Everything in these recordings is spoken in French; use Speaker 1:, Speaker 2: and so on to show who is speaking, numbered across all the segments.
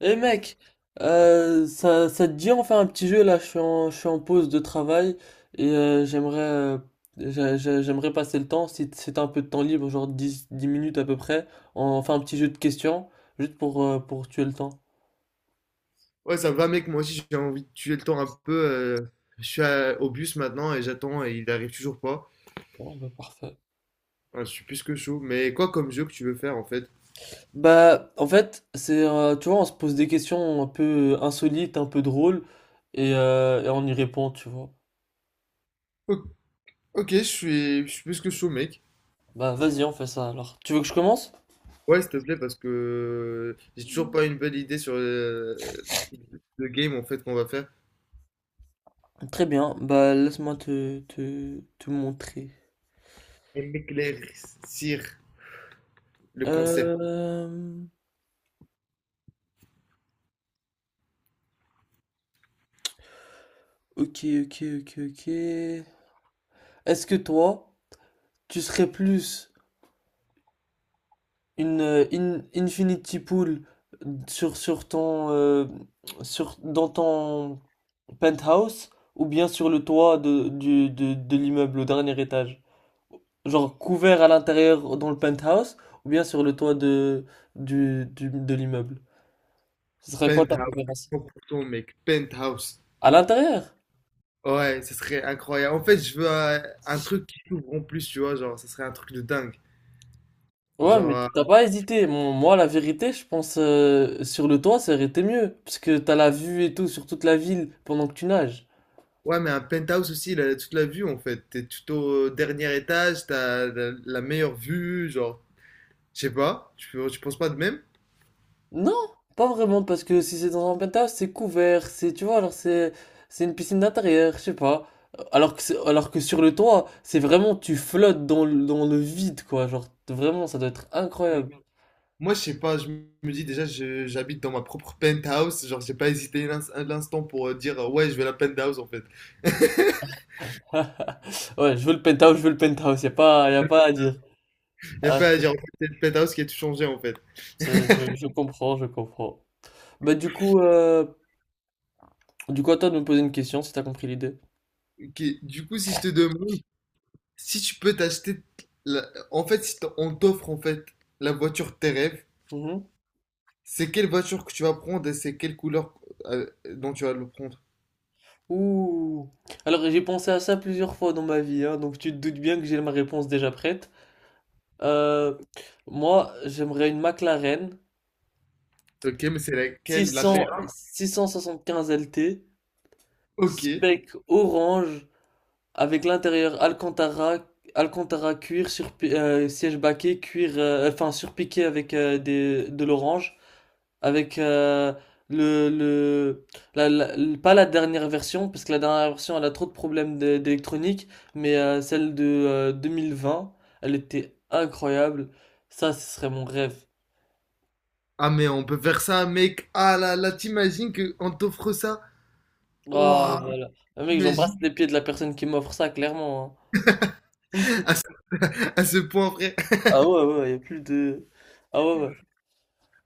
Speaker 1: Eh mec, ça, ça te dit on fait un petit jeu là, je suis en pause de travail et j'aimerais j'aimerais passer le temps, si t'as un peu de temps libre, genre 10 10 minutes à peu près, on fait un petit jeu de questions, juste pour tuer le temps.
Speaker 2: Ouais, ça va, mec. Moi aussi, j'ai envie de tuer le temps un peu. Je suis au bus maintenant et j'attends et il arrive toujours pas.
Speaker 1: Bon, bah parfait.
Speaker 2: Ouais, je suis plus que chaud. Mais quoi comme jeu que tu veux faire en fait?
Speaker 1: Bah en fait, c'est tu vois, on se pose des questions un peu insolites, un peu drôles et on y répond, tu vois.
Speaker 2: O- Ok, je suis plus que chaud, mec.
Speaker 1: Bah vas-y, on fait ça alors. Tu veux que je commence?
Speaker 2: Ouais, s'il te plaît, parce que j'ai toujours pas une bonne idée sur le game en fait qu'on va faire.
Speaker 1: Très bien, bah laisse-moi te montrer.
Speaker 2: Et m'éclaircir le concept.
Speaker 1: Euh, ok, ok. Est-ce que toi, tu serais plus une Infinity Pool sur ton, dans ton penthouse ou bien sur le toit de l'immeuble au dernier étage? Genre couvert à l'intérieur dans le penthouse ou bien sur le toit de l'immeuble? Ce serait quoi ta
Speaker 2: Penthouse,
Speaker 1: préférence?
Speaker 2: 100%, mec. Penthouse.
Speaker 1: À l'intérieur?
Speaker 2: Ouais, ça serait incroyable. En fait, je veux un truc qui s'ouvre en plus, tu vois. Genre, ça serait un truc de dingue.
Speaker 1: Ouais,
Speaker 2: Genre,
Speaker 1: mais
Speaker 2: euh,
Speaker 1: t'as pas hésité. Moi, la vérité, je pense sur le toit, ça aurait été mieux. Parce que t'as la vue et tout sur toute la ville pendant que tu nages.
Speaker 2: Ouais, mais un penthouse aussi, il a toute la vue en fait. T'es tout au dernier étage, t'as la meilleure vue, genre, je sais pas, tu penses pas de même?
Speaker 1: Non, pas vraiment, parce que si c'est dans un penthouse, c'est couvert, c'est, tu vois, c'est une piscine d'intérieur, je sais pas. Alors que sur le toit, c'est vraiment, tu flottes dans dans le vide, quoi. Genre, vraiment, ça doit être
Speaker 2: Mais
Speaker 1: incroyable.
Speaker 2: moi, je sais pas, je me dis déjà, j'habite dans ma propre penthouse, genre, j'ai pas hésité un, un instant pour dire, ouais, je veux la penthouse en fait.
Speaker 1: Ouais, je veux le penthouse, je veux le penthouse, y a pas à dire.
Speaker 2: J'ai
Speaker 1: Ah,
Speaker 2: pas à dire, en fait, c'est le penthouse qui a tout changé en fait.
Speaker 1: je comprends, je comprends. Bah, du coup, à toi de me poser une question si t'as compris l'idée.
Speaker 2: Ok, du coup, si je te demande, si tu peux t'acheter, en fait, si t'en- on t'offre en fait la voiture de tes rêves,
Speaker 1: Mhm.
Speaker 2: c'est quelle voiture que tu vas prendre et c'est quelle couleur dont tu vas le prendre?
Speaker 1: Ouh. Alors, j'ai pensé à ça plusieurs fois dans ma vie, hein, donc tu te doutes bien que j'ai ma réponse déjà prête. Euh, Moi, j'aimerais une McLaren
Speaker 2: Ok, mais c'est laquelle? La
Speaker 1: 600,
Speaker 2: P1?
Speaker 1: 675 LT,
Speaker 2: Ok.
Speaker 1: spec orange, avec l'intérieur Alcantara, Alcantara cuir, sur, siège baquet, cuir, enfin surpiqué avec de l'orange, avec le, la- la- le- pas la dernière version, parce que la dernière version elle a trop de d'électronique, mais celle de 2020 elle était incroyable. Ça, ce serait mon rêve.
Speaker 2: Ah, mais on peut faire ça, mec. Ah là là, t'imagines qu'on t'offre ça?
Speaker 1: Ah,
Speaker 2: Waouh,
Speaker 1: voilà. Ah, mec, j'embrasse
Speaker 2: imagine
Speaker 1: les pieds de la personne qui m'offre ça, clairement, hein.
Speaker 2: à ce point, frère.
Speaker 1: Ah ouais, ouais, y a plus de. Ah ouais, ouais.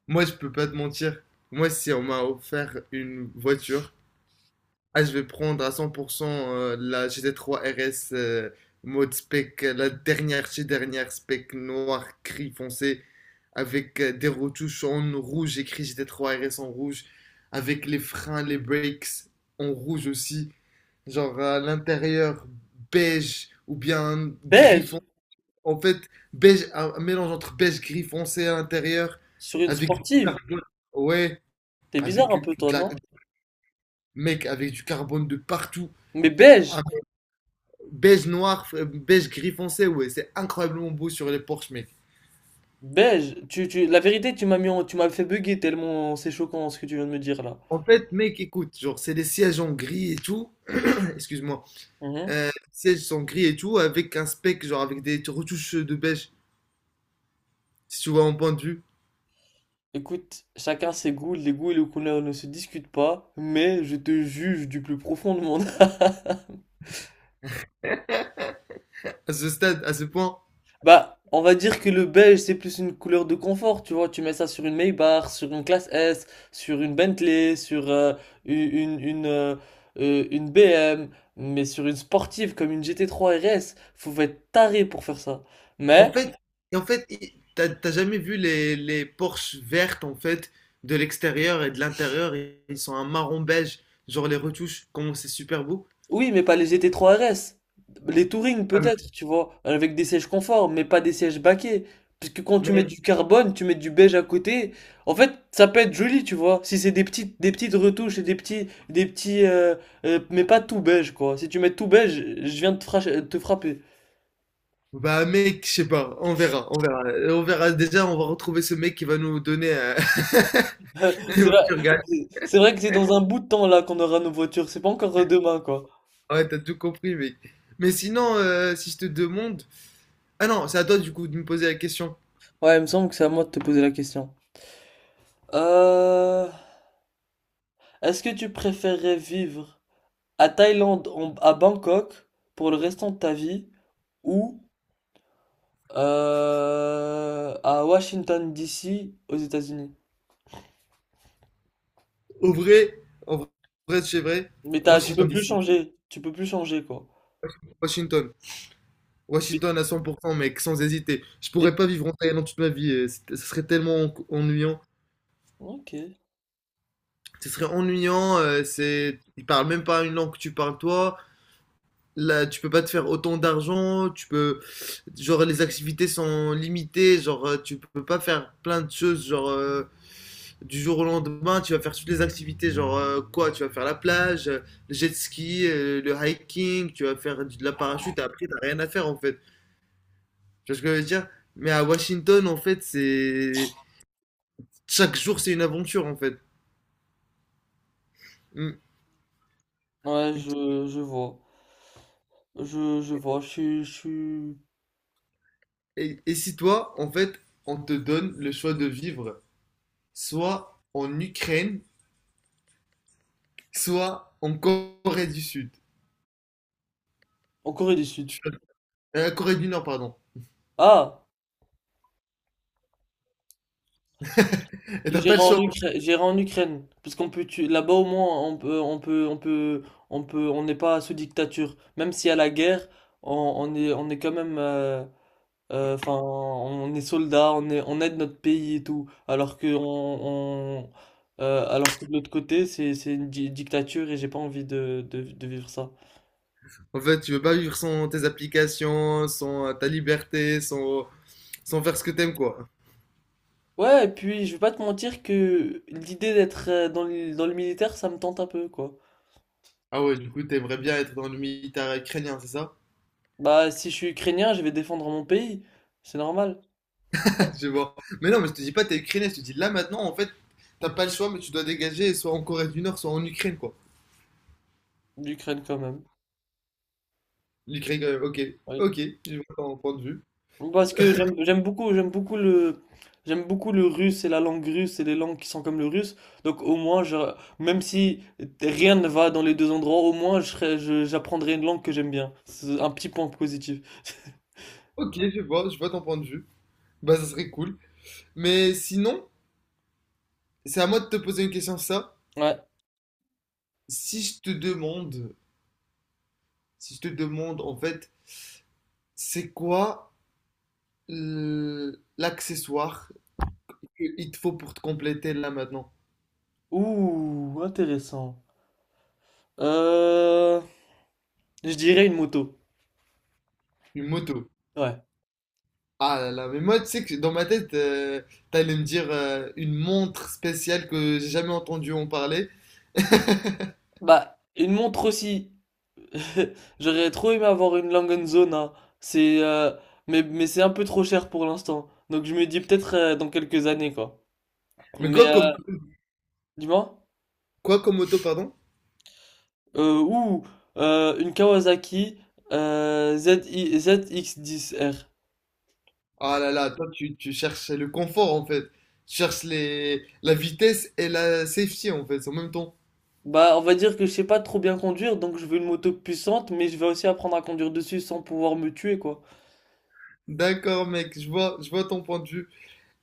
Speaker 2: Moi, je peux pas te mentir. Moi, si on m'a offert une voiture, ah, je vais prendre à 100% la GT3 RS mode spec, la dernière chez dernière spec noir, gris foncé, avec des retouches en rouge, écrit GT3 RS en rouge, avec les freins, les brakes en rouge aussi. Genre à l'intérieur beige ou bien gris
Speaker 1: Beige,
Speaker 2: foncé. En fait, beige, un mélange entre beige gris foncé à l'intérieur
Speaker 1: sur une
Speaker 2: avec du
Speaker 1: sportive.
Speaker 2: carbone. Ouais,
Speaker 1: T'es
Speaker 2: avec
Speaker 1: bizarre un peu, toi,
Speaker 2: de la-
Speaker 1: non?
Speaker 2: mec, avec du carbone de partout.
Speaker 1: Mais beige,
Speaker 2: Un beige noir, beige gris foncé, ouais, c'est incroyablement beau sur les Porsche, mec.
Speaker 1: beige. Tu... La vérité, tu m'as fait bugger tellement c'est choquant ce que tu viens de me dire là.
Speaker 2: En fait, mec, écoute, genre, c'est des sièges en gris et tout. Excuse-moi,
Speaker 1: Mhm.
Speaker 2: sièges sont gris et tout, avec un spec, genre, avec des retouches de beige, si tu vois mon point de vue.
Speaker 1: Écoute, chacun ses goûts, les goûts et les couleurs ne se discutent pas, mais je te juge du plus profond de mon âme.
Speaker 2: À ce stade, à ce point.
Speaker 1: Bah, on va dire que le beige, c'est plus une couleur de confort, tu vois, tu mets ça sur une Maybach, sur une classe S, sur une Bentley, sur une, une, une, euh, une BM, mais sur une sportive comme une GT3 RS, faut être taré pour faire ça.
Speaker 2: En
Speaker 1: Mais
Speaker 2: fait, et en fait, t'as jamais vu les Porsche vertes, en fait, de l'extérieur et de l'intérieur, ils sont un marron beige, genre les retouches, comment c'est super beau.
Speaker 1: oui, mais pas les GT3 RS. Les Touring
Speaker 2: Ah,
Speaker 1: peut-être, tu vois, avec des sièges confort, mais pas des sièges baquets. Parce que quand tu mets
Speaker 2: mais,
Speaker 1: du carbone, tu mets du beige à côté. En fait, ça peut être joli, tu vois. Si c'est des petites retouches et des petits, mais pas tout beige, quoi. Si tu mets tout beige, je viens de te frapper.
Speaker 2: bah mec, je sais pas, on verra, on verra. On verra, déjà, on va retrouver ce mec qui va nous donner une
Speaker 1: C'est vrai,
Speaker 2: voiture gagnante.
Speaker 1: c'est vrai que c'est dans un bout de temps là qu'on aura nos voitures. C'est pas encore demain, quoi.
Speaker 2: Ouais, t'as tout compris, mec. Mais sinon, si je te demande... Ah non, c'est à toi, du coup, de me poser la question.
Speaker 1: Ouais, il me semble que c'est à moi de te poser la question. Euh, Est-ce que tu préférerais vivre à Bangkok pour le restant de ta vie ou à Washington DC aux États-Unis.
Speaker 2: Au vrai, en vrai, c'est vrai,
Speaker 1: Mais t'as, tu
Speaker 2: Washington
Speaker 1: peux plus
Speaker 2: DC.
Speaker 1: changer, tu peux plus changer quoi.
Speaker 2: Washington.
Speaker 1: Mais-
Speaker 2: Washington à 100%, mec, sans hésiter. Je pourrais
Speaker 1: et-
Speaker 2: pas vivre en Thaïlande toute ma vie. Ce serait tellement ennuyant.
Speaker 1: ok,
Speaker 2: Ce serait ennuyant. C'est, ils parlent même pas une langue que tu parles, toi. Là, tu peux pas te faire autant d'argent. Tu peux, genre, les activités sont limitées. Genre, tu peux pas faire plein de choses. Genre, du jour au lendemain, tu vas faire toutes les activités. Genre, quoi? Tu vas faire la plage, le jet ski, le hiking. Tu vas faire de la parachute. Et après, t'as rien à faire en fait. Tu vois ce que je veux dire? Mais à Washington, en fait, c'est chaque jour, c'est une aventure, en fait. Mm.
Speaker 1: ouais, je vois, je suis
Speaker 2: Et si toi, en fait, on te donne le choix de vivre soit en Ukraine, soit en Corée du Sud.
Speaker 1: en Corée du Sud.
Speaker 2: Tu- Corée du Nord, pardon.
Speaker 1: Ah,
Speaker 2: Et t'as pas le choix.
Speaker 1: J'irai en Ukraine parce qu'on peut là-bas au moins on peut, on n'est pas sous dictature, même s'il y a la guerre, on est quand même, enfin, on est soldats, on est, on aide notre pays et tout. Alors que de l'autre côté, c'est une dictature et j'ai pas envie de vivre ça.
Speaker 2: En fait, tu veux pas vivre sans tes applications, sans ta liberté, sans, sans faire ce que t'aimes, quoi.
Speaker 1: Ouais, et puis je vais pas te mentir que l'idée d'être dans le militaire, ça me tente un peu, quoi.
Speaker 2: Ah ouais, du coup, t'aimerais bien être dans le militaire ukrainien, c'est ça?
Speaker 1: Bah, si je suis ukrainien, je vais défendre mon pays. C'est normal. Ouais,
Speaker 2: Je vois. Mais non, mais je te dis pas t'es ukrainien, je te dis là maintenant, en fait, t'as pas le choix, mais tu dois dégager, soit en Corée du Nord, soit en Ukraine, quoi.
Speaker 1: l'Ukraine quand même.
Speaker 2: Ok, ok, je vois ton point de vue.
Speaker 1: Parce que j'aime beaucoup le russe et la langue russe et les langues qui sont comme le russe. Donc au moins même si rien ne va dans les deux endroits, au moins j'apprendrai une langue que j'aime bien. C'est un petit point positif.
Speaker 2: Ok, je vois ton point de vue. Bah, ça serait cool. Mais sinon, c'est à moi de te poser une question, ça.
Speaker 1: Ouais.
Speaker 2: Si je te demande, si je te demande, en fait, c'est quoi l'accessoire qu'il te faut pour te compléter là maintenant?
Speaker 1: Ouh, intéressant. Euh, je dirais une moto.
Speaker 2: Une moto.
Speaker 1: Ouais.
Speaker 2: Ah là là, mais moi, tu sais que dans ma tête, t'allais me dire une montre spéciale que j'ai jamais entendu en parler.
Speaker 1: Bah, une montre aussi. J'aurais trop aimé avoir une Langenzona. C'est mais c'est un peu trop cher pour l'instant. Donc je me dis peut-être dans quelques années quoi.
Speaker 2: Mais
Speaker 1: Mais
Speaker 2: quoi comme,
Speaker 1: euh, Dis-moi.
Speaker 2: quoi comme moto, pardon?
Speaker 1: Euh, ouh, une Kawasaki ZI ZX10R.
Speaker 2: Ah là là, toi tu cherches le confort en fait. Tu cherches la vitesse et la safety en fait en même temps.
Speaker 1: Bah, on va dire que je sais pas trop bien conduire, donc je veux une moto puissante, mais je vais aussi apprendre à conduire dessus sans pouvoir me tuer, quoi.
Speaker 2: D'accord mec, je vois ton point de vue.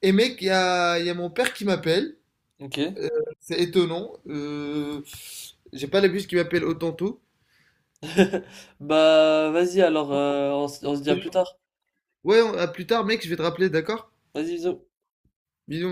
Speaker 2: Et mec, il y a mon père qui m'appelle.
Speaker 1: Ok.
Speaker 2: Euh, c'est étonnant. J'ai pas l'habitude qu'il m'appelle autant tôt.
Speaker 1: Bah, vas-y alors, on, on se dit à plus tard.
Speaker 2: Ouais, à plus tard mec, je vais te rappeler, d'accord?
Speaker 1: Vas-y, bisous.
Speaker 2: Bisous.